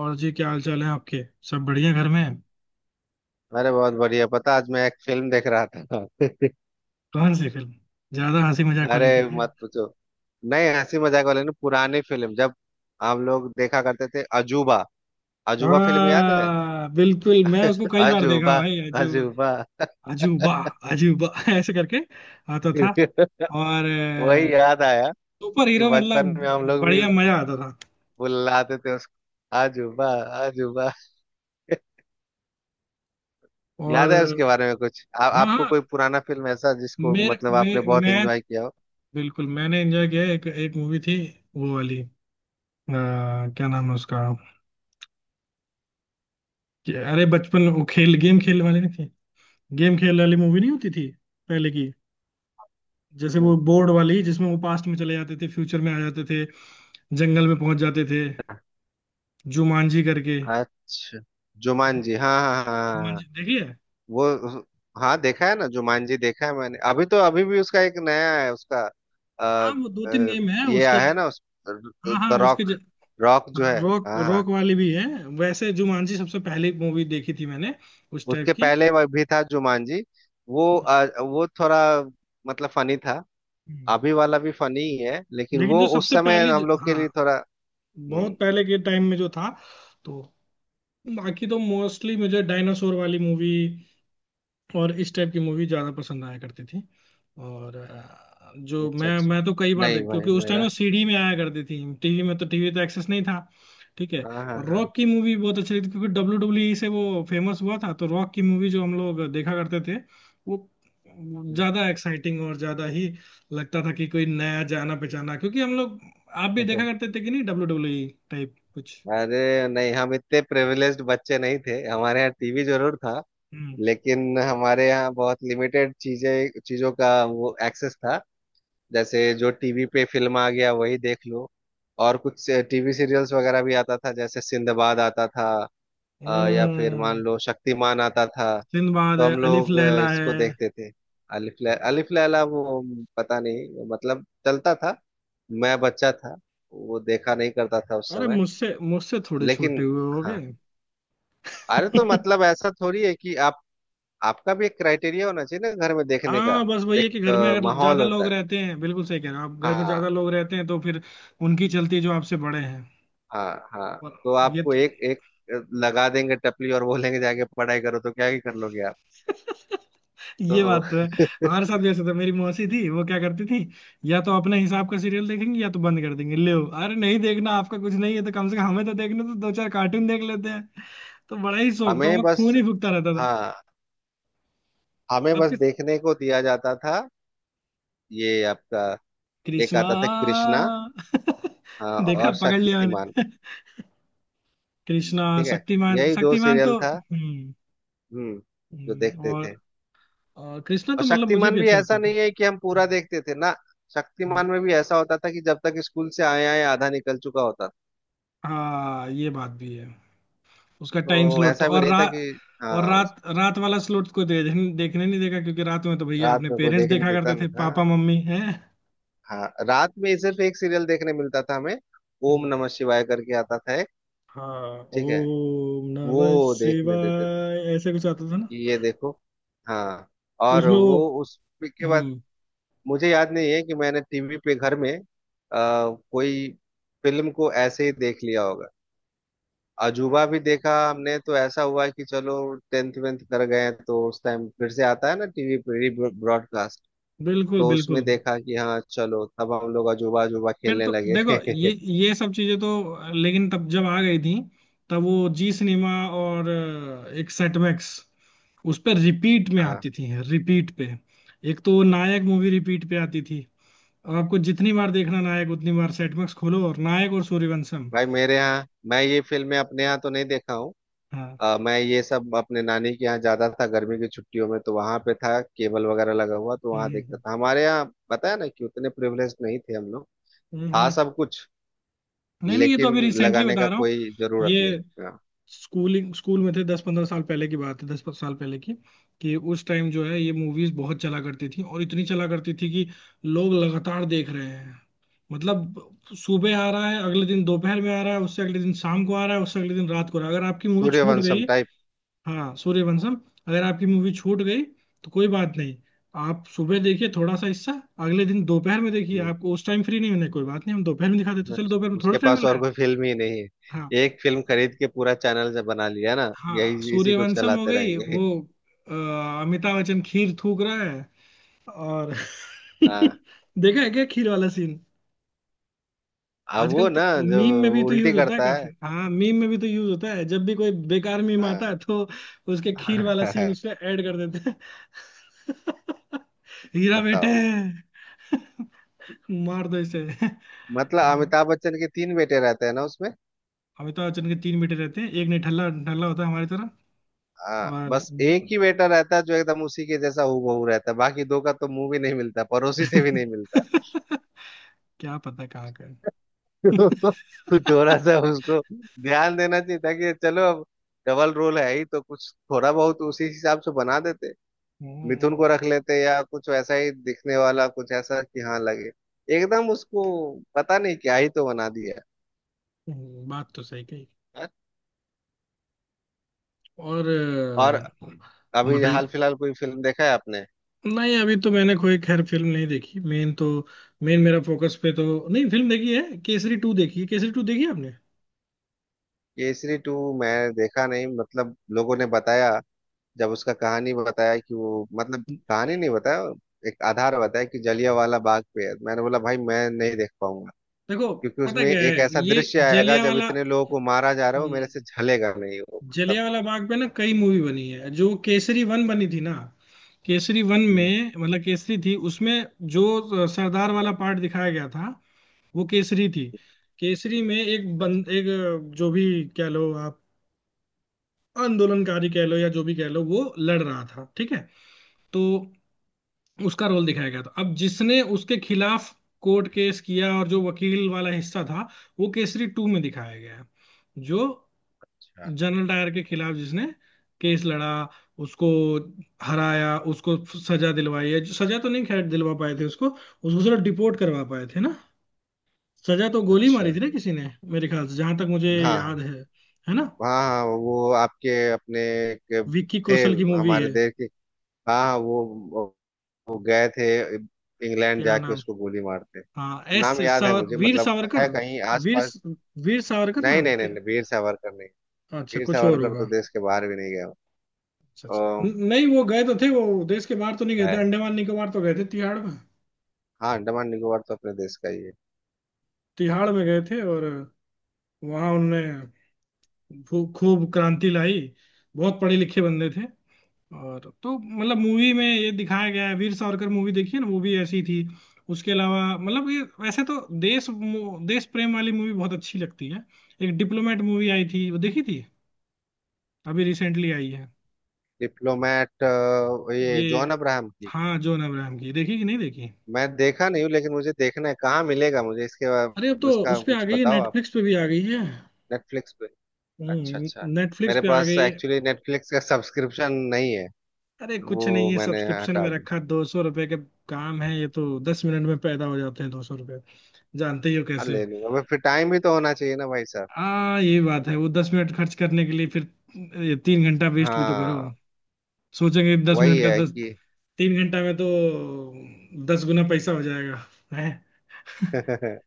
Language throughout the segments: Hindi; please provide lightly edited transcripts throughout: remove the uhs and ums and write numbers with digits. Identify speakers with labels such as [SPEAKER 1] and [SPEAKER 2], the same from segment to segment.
[SPEAKER 1] और जी, क्या हाल चाल है आपके। सब बढ़िया घर में।
[SPEAKER 2] अरे बहुत बढ़िया। पता आज मैं एक फिल्म देख रहा था।
[SPEAKER 1] कौन सी फिल्म? ज्यादा हंसी मजाक वाली
[SPEAKER 2] अरे
[SPEAKER 1] थी
[SPEAKER 2] मत
[SPEAKER 1] क्या?
[SPEAKER 2] पूछो। नहीं, हंसी मजाक वाले नहीं, पुरानी फिल्म, जब हम लोग देखा करते थे अजूबा। अजूबा फिल्म याद है?
[SPEAKER 1] हाँ बिल्कुल, मैं उसको कई बार देखा
[SPEAKER 2] अजूबा
[SPEAKER 1] भाई। अजूबा,
[SPEAKER 2] अजूबा।
[SPEAKER 1] अजूबा, अजूबा ऐसे करके आता था। और
[SPEAKER 2] वही याद आया
[SPEAKER 1] सुपर
[SPEAKER 2] कि
[SPEAKER 1] हीरो, मतलब
[SPEAKER 2] बचपन में हम लोग भी
[SPEAKER 1] बढ़िया मजा आता था।
[SPEAKER 2] बुलाते थे उसको अजूबा अजूबा।
[SPEAKER 1] और
[SPEAKER 2] याद है उसके बारे में कुछ?
[SPEAKER 1] हाँ
[SPEAKER 2] आपको
[SPEAKER 1] हाँ,
[SPEAKER 2] कोई पुराना फिल्म ऐसा जिसको
[SPEAKER 1] मेरे
[SPEAKER 2] मतलब आपने
[SPEAKER 1] मैं
[SPEAKER 2] बहुत
[SPEAKER 1] मैं
[SPEAKER 2] एंजॉय किया हो?
[SPEAKER 1] बिल्कुल, मैंने एंजॉय किया। एक एक मूवी थी। वो वाली, क्या नाम है उसका? अरे बचपन, वो खेल गेम खेलने वाली नहीं थी। गेम खेल वाली मूवी नहीं होती थी पहले की। जैसे
[SPEAKER 2] हम्म।
[SPEAKER 1] वो बोर्ड वाली, जिसमें वो पास्ट में चले जाते थे, फ्यूचर में आ जाते थे, जंगल में पहुंच जाते थे, जुमांजी करके।
[SPEAKER 2] अच्छा, जुमान जी, हाँ हाँ हाँ।
[SPEAKER 1] जुमांजी देखिए।
[SPEAKER 2] वो, हाँ देखा है ना, जुमान जी देखा है मैंने। अभी तो अभी भी उसका एक नया है उसका। अ,
[SPEAKER 1] हाँ, वो दो तीन
[SPEAKER 2] अ,
[SPEAKER 1] गेम है
[SPEAKER 2] ये
[SPEAKER 1] उसके
[SPEAKER 2] आया है
[SPEAKER 1] अलग।
[SPEAKER 2] ना उस
[SPEAKER 1] हाँ
[SPEAKER 2] द
[SPEAKER 1] हाँ,
[SPEAKER 2] रॉक। रॉक जो है।
[SPEAKER 1] रॉक
[SPEAKER 2] हाँ हाँ।
[SPEAKER 1] रॉक वाली भी है। वैसे जुमांजी सबसे पहली मूवी देखी थी मैंने, उस टाइप
[SPEAKER 2] उसके
[SPEAKER 1] की।
[SPEAKER 2] पहले वह भी था जुमान जी। वो वो थोड़ा मतलब फनी था।
[SPEAKER 1] हम्म।
[SPEAKER 2] अभी वाला भी फनी ही है लेकिन
[SPEAKER 1] लेकिन
[SPEAKER 2] वो
[SPEAKER 1] जो
[SPEAKER 2] उस
[SPEAKER 1] सबसे
[SPEAKER 2] समय
[SPEAKER 1] पहली
[SPEAKER 2] हम लोग के लिए
[SPEAKER 1] हाँ,
[SPEAKER 2] थोड़ा।
[SPEAKER 1] बहुत
[SPEAKER 2] हम्म।
[SPEAKER 1] पहले के टाइम में जो था, तो बाकी तो मोस्टली मुझे डायनासोर वाली मूवी और इस टाइप की मूवी ज्यादा पसंद आया करती थी। और जो
[SPEAKER 2] अच्छा
[SPEAKER 1] मैं
[SPEAKER 2] अच्छा।
[SPEAKER 1] मैं तो कई बार
[SPEAKER 2] नहीं
[SPEAKER 1] देख,
[SPEAKER 2] भाई
[SPEAKER 1] क्योंकि उस टाइम
[SPEAKER 2] मेरा।
[SPEAKER 1] ना सीडी में आया करती थी, टीवी में तो, टीवी तो एक्सेस नहीं था। ठीक है।
[SPEAKER 2] हाँ हाँ
[SPEAKER 1] और
[SPEAKER 2] हाँ।
[SPEAKER 1] रॉक की मूवी बहुत अच्छी लगती थी, क्योंकि WWE से वो फेमस हुआ था, तो रॉक की मूवी जो हम लोग देखा करते थे, वो
[SPEAKER 2] हम्म।
[SPEAKER 1] ज्यादा एक्साइटिंग और ज्यादा ही लगता था कि कोई नया जाना पहचाना, क्योंकि हम लोग, आप भी देखा करते थे कि नहीं WWE टाइप कुछ?
[SPEAKER 2] अरे नहीं, हम इतने प्रिविलेज्ड बच्चे नहीं थे। हमारे यहाँ टीवी जरूर था
[SPEAKER 1] हम्म,
[SPEAKER 2] लेकिन हमारे यहाँ बहुत लिमिटेड चीजें चीजों का वो एक्सेस था। जैसे जो टीवी पे फिल्म आ गया वही देख लो। और कुछ टीवी सीरियल्स वगैरह भी आता था, जैसे सिंदबाद आता था। या फिर मान
[SPEAKER 1] हम्म।
[SPEAKER 2] लो शक्तिमान आता था।
[SPEAKER 1] सिंदबाद
[SPEAKER 2] तो
[SPEAKER 1] है,
[SPEAKER 2] हम
[SPEAKER 1] अलिफ
[SPEAKER 2] लोग
[SPEAKER 1] लैला है।
[SPEAKER 2] इसको देखते थे। अलिफ लैला वो पता नहीं मतलब चलता था। मैं बच्चा था। वो देखा नहीं करता था उस
[SPEAKER 1] अरे
[SPEAKER 2] समय।
[SPEAKER 1] मुझसे मुझसे थोड़े छोटे
[SPEAKER 2] लेकिन
[SPEAKER 1] हुए होगे।
[SPEAKER 2] हाँ। अरे तो मतलब ऐसा थोड़ी है कि आप आपका भी एक क्राइटेरिया होना चाहिए ना घर में देखने का।
[SPEAKER 1] हाँ बस वही है कि
[SPEAKER 2] एक
[SPEAKER 1] घर में अगर
[SPEAKER 2] माहौल
[SPEAKER 1] ज्यादा
[SPEAKER 2] होता
[SPEAKER 1] लोग
[SPEAKER 2] है।
[SPEAKER 1] रहते हैं, बिल्कुल सही कह रहे हो आप, घर में ज्यादा
[SPEAKER 2] हाँ
[SPEAKER 1] लोग रहते हैं तो फिर उनकी चलती है, जो आपसे बड़े हैं,
[SPEAKER 2] हाँ हाँ।
[SPEAKER 1] और
[SPEAKER 2] तो
[SPEAKER 1] ये।
[SPEAKER 2] आपको एक एक लगा देंगे टपली और बोलेंगे जाके पढ़ाई करो, तो क्या ही कर लोगे आप।
[SPEAKER 1] ये
[SPEAKER 2] तो
[SPEAKER 1] बात तो है। हमारे साथ भी ऐसा था, मेरी मौसी थी, वो क्या करती थी? या तो अपने हिसाब का सीरियल देखेंगे, या तो बंद कर देंगे, ले अरे नहीं, देखना आपका कुछ नहीं है तो कम से कम हमें तो देखने तो दो, चार कार्टून देख लेते हैं। तो बड़ा ही शौक था
[SPEAKER 2] हमें
[SPEAKER 1] उनका,
[SPEAKER 2] बस,
[SPEAKER 1] खून ही फूकता रहता था।
[SPEAKER 2] हाँ, हमें बस
[SPEAKER 1] आपके
[SPEAKER 2] देखने को दिया जाता था। ये आपका, एक
[SPEAKER 1] कृष्णा?
[SPEAKER 2] आता था कृष्णा। हाँ,
[SPEAKER 1] देखा,
[SPEAKER 2] और
[SPEAKER 1] पकड़ लिया
[SPEAKER 2] शक्तिमान।
[SPEAKER 1] मैंने। कृष्णा,
[SPEAKER 2] ठीक है,
[SPEAKER 1] शक्तिमान,
[SPEAKER 2] यही दो
[SPEAKER 1] शक्तिमान
[SPEAKER 2] सीरियल
[SPEAKER 1] तो
[SPEAKER 2] था।
[SPEAKER 1] हम्म।
[SPEAKER 2] हम्म। जो देखते
[SPEAKER 1] और।
[SPEAKER 2] थे।
[SPEAKER 1] और कृष्णा तो
[SPEAKER 2] और
[SPEAKER 1] मतलब मुझे
[SPEAKER 2] शक्तिमान
[SPEAKER 1] भी
[SPEAKER 2] भी
[SPEAKER 1] अच्छा
[SPEAKER 2] ऐसा
[SPEAKER 1] लगता था।
[SPEAKER 2] नहीं है कि हम पूरा देखते थे ना।
[SPEAKER 1] हम्म,
[SPEAKER 2] शक्तिमान में भी ऐसा होता था कि जब तक स्कूल से आए आए आधा निकल चुका होता था।
[SPEAKER 1] हाँ ये बात भी है। उसका टाइम
[SPEAKER 2] तो
[SPEAKER 1] स्लॉट तो,
[SPEAKER 2] ऐसा भी
[SPEAKER 1] और
[SPEAKER 2] नहीं था कि
[SPEAKER 1] रात। और
[SPEAKER 2] हाँ
[SPEAKER 1] रात रात वाला स्लॉट को देखने नहीं देगा, क्योंकि रात में तो भैया
[SPEAKER 2] रात
[SPEAKER 1] अपने
[SPEAKER 2] में कोई
[SPEAKER 1] पेरेंट्स
[SPEAKER 2] देखने
[SPEAKER 1] देखा
[SPEAKER 2] देता
[SPEAKER 1] करते थे,
[SPEAKER 2] नहीं था।
[SPEAKER 1] पापा मम्मी है।
[SPEAKER 2] हाँ रात में सिर्फ एक सीरियल देखने मिलता था हमें। ओम
[SPEAKER 1] हम्म,
[SPEAKER 2] नमः शिवाय करके आता था एक।
[SPEAKER 1] हाँ
[SPEAKER 2] ठीक है,
[SPEAKER 1] ओम
[SPEAKER 2] वो
[SPEAKER 1] नमः
[SPEAKER 2] देखने देते थे
[SPEAKER 1] शिवाय ऐसे कुछ आता था ना।
[SPEAKER 2] कि ये देखो। हाँ। और
[SPEAKER 1] उसमें वो,
[SPEAKER 2] वो उस के बाद
[SPEAKER 1] हम्म।
[SPEAKER 2] मुझे याद नहीं है कि मैंने टीवी पे घर में कोई फिल्म को ऐसे ही देख लिया होगा। अजूबा भी देखा हमने तो ऐसा हुआ कि चलो टेंथ वेंथ कर गए तो उस टाइम फिर से आता है ना टीवी पे री ब्रॉडकास्ट।
[SPEAKER 1] बिल्कुल,
[SPEAKER 2] तो उसमें
[SPEAKER 1] बिल्कुल।
[SPEAKER 2] देखा कि हाँ चलो, तब हम लोग अजूबा अजूबा
[SPEAKER 1] फिर
[SPEAKER 2] खेलने
[SPEAKER 1] तो देखो
[SPEAKER 2] लगे।
[SPEAKER 1] ये ये सब चीजें तो लेकिन तब जब आ गई थी, तब वो जी सिनेमा और एक सेटमैक्स, उस पर रिपीट में
[SPEAKER 2] हाँ।
[SPEAKER 1] आती थी, रिपीट पे। एक तो नायक मूवी रिपीट पे आती थी, और आपको जितनी बार देखना नायक, उतनी बार सेटमैक्स खोलो, और नायक, और सूर्यवंशम।
[SPEAKER 2] भाई मेरे यहाँ, मैं ये फिल्में अपने यहाँ तो नहीं देखा हूँ।
[SPEAKER 1] हाँ,
[SPEAKER 2] मैं ये सब अपने नानी के यहाँ ज्यादा था। गर्मी की छुट्टियों में तो वहां पे था केबल वगैरह लगा हुआ, तो वहां
[SPEAKER 1] हम्म,
[SPEAKER 2] देखता
[SPEAKER 1] हम्म,
[SPEAKER 2] था। हमारे यहाँ पता है ना कि उतने प्रिविलेज नहीं थे हम लोग।
[SPEAKER 1] हम्म,
[SPEAKER 2] था
[SPEAKER 1] हम्म।
[SPEAKER 2] सब कुछ
[SPEAKER 1] नहीं नहीं, ये तो
[SPEAKER 2] लेकिन
[SPEAKER 1] अभी रिसेंटली
[SPEAKER 2] लगाने
[SPEAKER 1] बता
[SPEAKER 2] का
[SPEAKER 1] रहा हूँ।
[SPEAKER 2] कोई जरूरत नहीं।
[SPEAKER 1] ये
[SPEAKER 2] हाँ
[SPEAKER 1] स्कूल में थे, 10-15 साल पहले की बात है, 10 साल पहले की। कि उस टाइम जो है, ये मूवीज बहुत चला करती थी, और इतनी चला करती थी कि लोग लगातार देख रहे हैं, मतलब, सुबह आ रहा है, अगले दिन दोपहर में आ रहा है, उससे अगले दिन शाम को आ रहा है, उससे अगले दिन रात को आ रहा है। अगर आपकी मूवी छूट
[SPEAKER 2] सूर्यवंशम
[SPEAKER 1] गई,
[SPEAKER 2] टाइप।
[SPEAKER 1] हाँ सूर्यवंशम, अगर आपकी मूवी छूट गई तो कोई बात नहीं, आप सुबह देखिए थोड़ा सा हिस्सा, अगले दिन दोपहर में देखिए, आपको उस टाइम फ्री नहीं होने, कोई बात नहीं, हम दोपहर में दिखा देते हैं। चलो
[SPEAKER 2] अच्छा,
[SPEAKER 1] दोपहर में थोड़ा
[SPEAKER 2] उसके
[SPEAKER 1] टाइम
[SPEAKER 2] पास
[SPEAKER 1] मिल रहा
[SPEAKER 2] और
[SPEAKER 1] है।
[SPEAKER 2] कोई फिल्म ही नहीं
[SPEAKER 1] हाँ,
[SPEAKER 2] है। एक फिल्म खरीद के पूरा चैनल जब बना लिया ना,
[SPEAKER 1] हाँ
[SPEAKER 2] यही इसी को
[SPEAKER 1] सूर्यवंशम हो
[SPEAKER 2] चलाते
[SPEAKER 1] गई
[SPEAKER 2] रहेंगे।
[SPEAKER 1] वो। अ, अमिताभ बच्चन खीर थूक रहा है, और
[SPEAKER 2] हाँ।
[SPEAKER 1] देखा है क्या खीर वाला सीन?
[SPEAKER 2] अब
[SPEAKER 1] आजकल
[SPEAKER 2] वो ना
[SPEAKER 1] तो
[SPEAKER 2] जो
[SPEAKER 1] मीम में भी तो
[SPEAKER 2] उल्टी
[SPEAKER 1] यूज होता है
[SPEAKER 2] करता
[SPEAKER 1] काफी,
[SPEAKER 2] है।
[SPEAKER 1] हाँ, मीम में भी तो यूज होता है, जब भी कोई बेकार मीम आता
[SPEAKER 2] हाँ।
[SPEAKER 1] है तो उसके खीर वाला सीन उसमें ऐड कर देते हैं। हीरा बेटे
[SPEAKER 2] बताओ।
[SPEAKER 1] मार दो इसे।
[SPEAKER 2] मतलब अमिताभ बच्चन के तीन बेटे रहते हैं ना उसमें।
[SPEAKER 1] अमिताभ बच्चन के तीन बेटे रहते हैं, एक निठल्ला ढल्ला होता है हमारी तरह,
[SPEAKER 2] हाँ,
[SPEAKER 1] और
[SPEAKER 2] बस एक ही बेटा रहता है जो एकदम उसी के जैसा हूबहू रहता है, बाकी दो का तो मुंह भी नहीं मिलता, पड़ोसी से भी नहीं मिलता।
[SPEAKER 1] क्या पता कहाँ का है।
[SPEAKER 2] तो थोड़ा सा उसको ध्यान देना चाहिए था कि चलो अब डबल रोल है ही तो कुछ थोड़ा बहुत उसी हिसाब से बना देते। मिथुन को रख
[SPEAKER 1] हम्म,
[SPEAKER 2] लेते या कुछ वैसा ही दिखने वाला, कुछ ऐसा कि हाँ लगे एकदम उसको। पता नहीं क्या ही तो बना दिया
[SPEAKER 1] बात तो सही कही।
[SPEAKER 2] है।
[SPEAKER 1] और
[SPEAKER 2] और अभी हाल
[SPEAKER 1] बताइए।
[SPEAKER 2] फिलहाल कोई फिल्म देखा है आपने?
[SPEAKER 1] नहीं, अभी तो मैंने कोई खैर फिल्म नहीं देखी। मेन मेरा फोकस पे तो, नहीं फिल्म देखी है, केसरी टू देखी है। केसरी टू देखी है आपने?
[SPEAKER 2] केसरी टू मैं देखा नहीं, मतलब लोगों ने बताया। जब उसका कहानी बताया कि वो, मतलब कहानी नहीं बताया, एक आधार बताया कि जलियांवाला बाग पे है, मैंने बोला भाई मैं नहीं देख पाऊंगा।
[SPEAKER 1] देखो,
[SPEAKER 2] क्योंकि
[SPEAKER 1] पता
[SPEAKER 2] उसमें
[SPEAKER 1] क्या है
[SPEAKER 2] एक ऐसा
[SPEAKER 1] ये,
[SPEAKER 2] दृश्य आएगा
[SPEAKER 1] जलिया
[SPEAKER 2] जब
[SPEAKER 1] वाला
[SPEAKER 2] इतने लोगों को मारा जा रहा हो, मेरे से झलेगा नहीं वो, मतलब।
[SPEAKER 1] जलिया वाला बाग पे ना कई मूवी बनी है, जो केसरी वन बनी थी ना। केसरी वन
[SPEAKER 2] हम्म,
[SPEAKER 1] में मतलब केसरी थी उसमें, जो सरदार वाला पार्ट दिखाया गया था वो केसरी थी। केसरी में एक बंद, एक जो भी, क्या लो आप, आंदोलनकारी कह लो या जो भी कह लो, वो लड़ रहा था, ठीक है। तो उसका रोल दिखाया गया था। अब जिसने उसके खिलाफ कोर्ट केस किया और जो वकील वाला हिस्सा था, वो केसरी टू में दिखाया गया है, जो
[SPEAKER 2] अच्छा
[SPEAKER 1] जनरल डायर के खिलाफ, जिसने केस लड़ा, उसको हराया, उसको सजा दिलवाई है, जो सजा तो नहीं खैर दिलवा पाए थे उसको उसको सिर्फ डिपोर्ट करवा पाए थे ना। सजा तो गोली
[SPEAKER 2] अच्छा।
[SPEAKER 1] मारी थी ना किसी ने, मेरे ख्याल से जहां तक मुझे
[SPEAKER 2] हाँ
[SPEAKER 1] याद
[SPEAKER 2] हाँ।
[SPEAKER 1] है ना।
[SPEAKER 2] हाँ हाँ, वो आपके अपने के
[SPEAKER 1] विक्की
[SPEAKER 2] थे,
[SPEAKER 1] कौशल की मूवी
[SPEAKER 2] हमारे
[SPEAKER 1] है।
[SPEAKER 2] देश के। हाँ हाँ, वो गए थे इंग्लैंड
[SPEAKER 1] क्या
[SPEAKER 2] जाके
[SPEAKER 1] नाम?
[SPEAKER 2] उसको गोली मारते।
[SPEAKER 1] हाँ, एस
[SPEAKER 2] नाम याद है
[SPEAKER 1] सावर
[SPEAKER 2] मुझे,
[SPEAKER 1] वीर
[SPEAKER 2] मतलब
[SPEAKER 1] सावरकर।
[SPEAKER 2] है कहीं
[SPEAKER 1] वीर
[SPEAKER 2] आसपास।
[SPEAKER 1] वीर सावरकर
[SPEAKER 2] नहीं
[SPEAKER 1] नाम
[SPEAKER 2] नहीं नहीं
[SPEAKER 1] क्या?
[SPEAKER 2] नहीं, वीर सावरकर नहीं।
[SPEAKER 1] अच्छा,
[SPEAKER 2] वीर
[SPEAKER 1] कुछ और
[SPEAKER 2] सावरकर तो
[SPEAKER 1] होगा।
[SPEAKER 2] देश के बाहर भी नहीं गया।
[SPEAKER 1] अच्छा, अच्छा,
[SPEAKER 2] अम,
[SPEAKER 1] नहीं वो गए तो थे, वो देश के बाहर तो नहीं गए थे,
[SPEAKER 2] है,
[SPEAKER 1] अंडमान निकोबार तो गए थे, तिहाड़ में।
[SPEAKER 2] हाँ, अंडमान निकोबार तो अपने देश का ही है।
[SPEAKER 1] तिहाड़ में गए थे, और वहां उन्होंने खूब क्रांति लाई, बहुत पढ़े लिखे बंदे थे, और तो मतलब मूवी में ये दिखाया गया है, वीर सावरकर मूवी देखी है ना, वो भी ऐसी थी। उसके अलावा मतलब ये, वैसे तो देश देश प्रेम वाली मूवी बहुत अच्छी लगती है। एक डिप्लोमेट मूवी आई थी, वो देखी थी, अभी रिसेंटली आई है।
[SPEAKER 2] डिप्लोमेट ये जॉन
[SPEAKER 1] ये,
[SPEAKER 2] अब्राहम की?
[SPEAKER 1] हाँ जॉन अब्राहम की, देखी कि नहीं देखी?
[SPEAKER 2] मैं देखा नहीं हूँ लेकिन मुझे देखना है। कहाँ मिलेगा मुझे?
[SPEAKER 1] अरे अब तो
[SPEAKER 2] इसका
[SPEAKER 1] उस पे आ
[SPEAKER 2] कुछ
[SPEAKER 1] गई है,
[SPEAKER 2] बताओ आप।
[SPEAKER 1] नेटफ्लिक्स पे भी आ गई है।
[SPEAKER 2] नेटफ्लिक्स। अच्छा
[SPEAKER 1] हम्म,
[SPEAKER 2] अच्छा।
[SPEAKER 1] नेटफ्लिक्स
[SPEAKER 2] मेरे
[SPEAKER 1] पे आ
[SPEAKER 2] पास
[SPEAKER 1] गई।
[SPEAKER 2] एक्चुअली नेटफ्लिक्स का सब्सक्रिप्शन नहीं है।
[SPEAKER 1] अरे कुछ
[SPEAKER 2] वो
[SPEAKER 1] नहीं है,
[SPEAKER 2] मैंने
[SPEAKER 1] सब्सक्रिप्शन में
[SPEAKER 2] हटा दिया।
[SPEAKER 1] रखा 200 रुपए के। काम है ये, तो 10 मिनट में पैदा हो जाते हैं 200 रुपए, जानते ही हो
[SPEAKER 2] हाँ
[SPEAKER 1] कैसे।
[SPEAKER 2] ले लूंगा भाई, फिर टाइम भी तो होना चाहिए ना भाई साहब।
[SPEAKER 1] हाँ ये बात है, वो 10 मिनट खर्च करने के लिए फिर ये 3 घंटा वेस्ट भी तो करो।
[SPEAKER 2] हाँ
[SPEAKER 1] सोचेंगे दस
[SPEAKER 2] वही
[SPEAKER 1] मिनट का,
[SPEAKER 2] है
[SPEAKER 1] दस
[SPEAKER 2] कि।
[SPEAKER 1] 3 घंटा में तो 10 गुना पैसा हो जाएगा, है?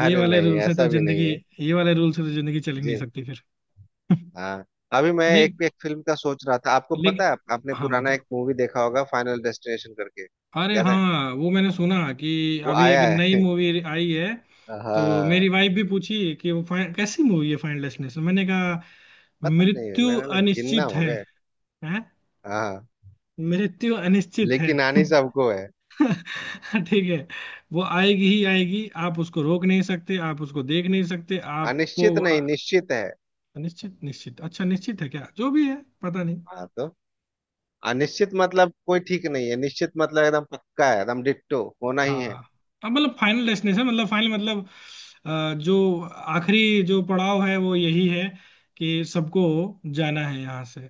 [SPEAKER 1] ये वाले
[SPEAKER 2] नहीं,
[SPEAKER 1] रूल से तो
[SPEAKER 2] ऐसा भी नहीं
[SPEAKER 1] जिंदगी
[SPEAKER 2] है।
[SPEAKER 1] ये वाले रूल से तो जिंदगी चल ही नहीं
[SPEAKER 2] जी।
[SPEAKER 1] सकती फिर।
[SPEAKER 2] हाँ। अभी मैं
[SPEAKER 1] नहीं
[SPEAKER 2] एक एक फिल्म का सोच रहा था। आपको
[SPEAKER 1] लेकिन,
[SPEAKER 2] पता है, आपने
[SPEAKER 1] हाँ
[SPEAKER 2] पुराना
[SPEAKER 1] बताओ।
[SPEAKER 2] एक मूवी देखा होगा फाइनल डेस्टिनेशन करके?
[SPEAKER 1] अरे
[SPEAKER 2] याद है?
[SPEAKER 1] हाँ, वो मैंने सुना कि
[SPEAKER 2] वो
[SPEAKER 1] अभी एक
[SPEAKER 2] आया
[SPEAKER 1] नई
[SPEAKER 2] है।
[SPEAKER 1] मूवी आई है। तो
[SPEAKER 2] हाँ।
[SPEAKER 1] मेरी वाइफ भी पूछी कि वो कैसी मूवी है फाइनल डेस्टिनेशन, मैंने कहा,
[SPEAKER 2] पता नहीं
[SPEAKER 1] मृत्यु
[SPEAKER 2] मैंने लग जिन्ना
[SPEAKER 1] अनिश्चित
[SPEAKER 2] हो
[SPEAKER 1] है,
[SPEAKER 2] गए।
[SPEAKER 1] हैं?
[SPEAKER 2] हाँ,
[SPEAKER 1] मृत्यु अनिश्चित है।
[SPEAKER 2] लेकिन आनी सबको है।
[SPEAKER 1] ठीक है, वो आएगी ही आएगी, आप उसको रोक नहीं सकते, आप उसको देख नहीं सकते, आपको।
[SPEAKER 2] अनिश्चित नहीं, निश्चित है।
[SPEAKER 1] अनिश्चित, निश्चित, अच्छा निश्चित है क्या, जो भी है, पता नहीं।
[SPEAKER 2] हाँ तो अनिश्चित मतलब कोई ठीक नहीं है, निश्चित मतलब एकदम पक्का है, एकदम डिट्टो होना ही है।
[SPEAKER 1] हाँ अब मतलब फाइनल डेस्टिनेशन मतलब फाइनल मतलब जो आखिरी जो पड़ाव है वो यही है, कि सबको जाना है यहाँ से,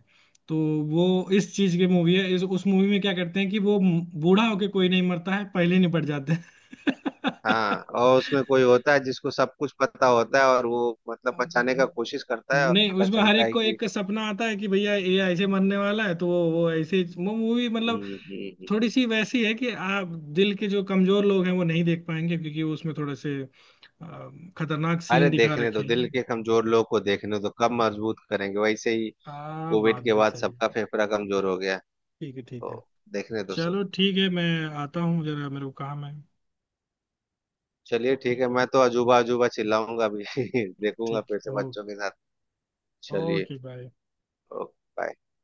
[SPEAKER 1] तो वो इस चीज की मूवी है। इस, उस मूवी में क्या करते हैं कि वो बूढ़ा होके कोई नहीं मरता है, पहले निपट जाते हैं।
[SPEAKER 2] हाँ, और उसमें कोई होता है जिसको सब कुछ पता होता है और वो मतलब बचाने का कोशिश करता है और
[SPEAKER 1] नहीं,
[SPEAKER 2] पता
[SPEAKER 1] उसमें हर
[SPEAKER 2] चलता
[SPEAKER 1] एक
[SPEAKER 2] है
[SPEAKER 1] को
[SPEAKER 2] कि।
[SPEAKER 1] एक सपना आता है कि भैया ये ऐसे मरने वाला है, तो वो वो मूवी मतलब
[SPEAKER 2] हम्म, हम्म, हम्म।
[SPEAKER 1] थोड़ी सी वैसी है कि आप, दिल के जो कमजोर लोग हैं वो नहीं देख पाएंगे, क्योंकि वो उसमें थोड़े से खतरनाक
[SPEAKER 2] अरे
[SPEAKER 1] सीन दिखा
[SPEAKER 2] देखने
[SPEAKER 1] रखे
[SPEAKER 2] दो, दिल
[SPEAKER 1] हैं।
[SPEAKER 2] के कमजोर लोग को देखने दो, कब मजबूत करेंगे वैसे ही।
[SPEAKER 1] आ
[SPEAKER 2] कोविड
[SPEAKER 1] बात
[SPEAKER 2] के
[SPEAKER 1] भी
[SPEAKER 2] बाद
[SPEAKER 1] सही है।
[SPEAKER 2] सबका फेफड़ा कमजोर हो गया।
[SPEAKER 1] ठीक है, ठीक है।
[SPEAKER 2] तो देखने दो सब।
[SPEAKER 1] चलो ठीक है, मैं आता हूँ जरा, मेरे को काम है।
[SPEAKER 2] चलिए ठीक है, मैं तो अजूबा अजूबा चिल्लाऊंगा अभी। देखूंगा
[SPEAKER 1] ठीक,
[SPEAKER 2] फिर से
[SPEAKER 1] ओ
[SPEAKER 2] बच्चों के साथ। चलिए
[SPEAKER 1] ओके बाय।
[SPEAKER 2] Okay bye.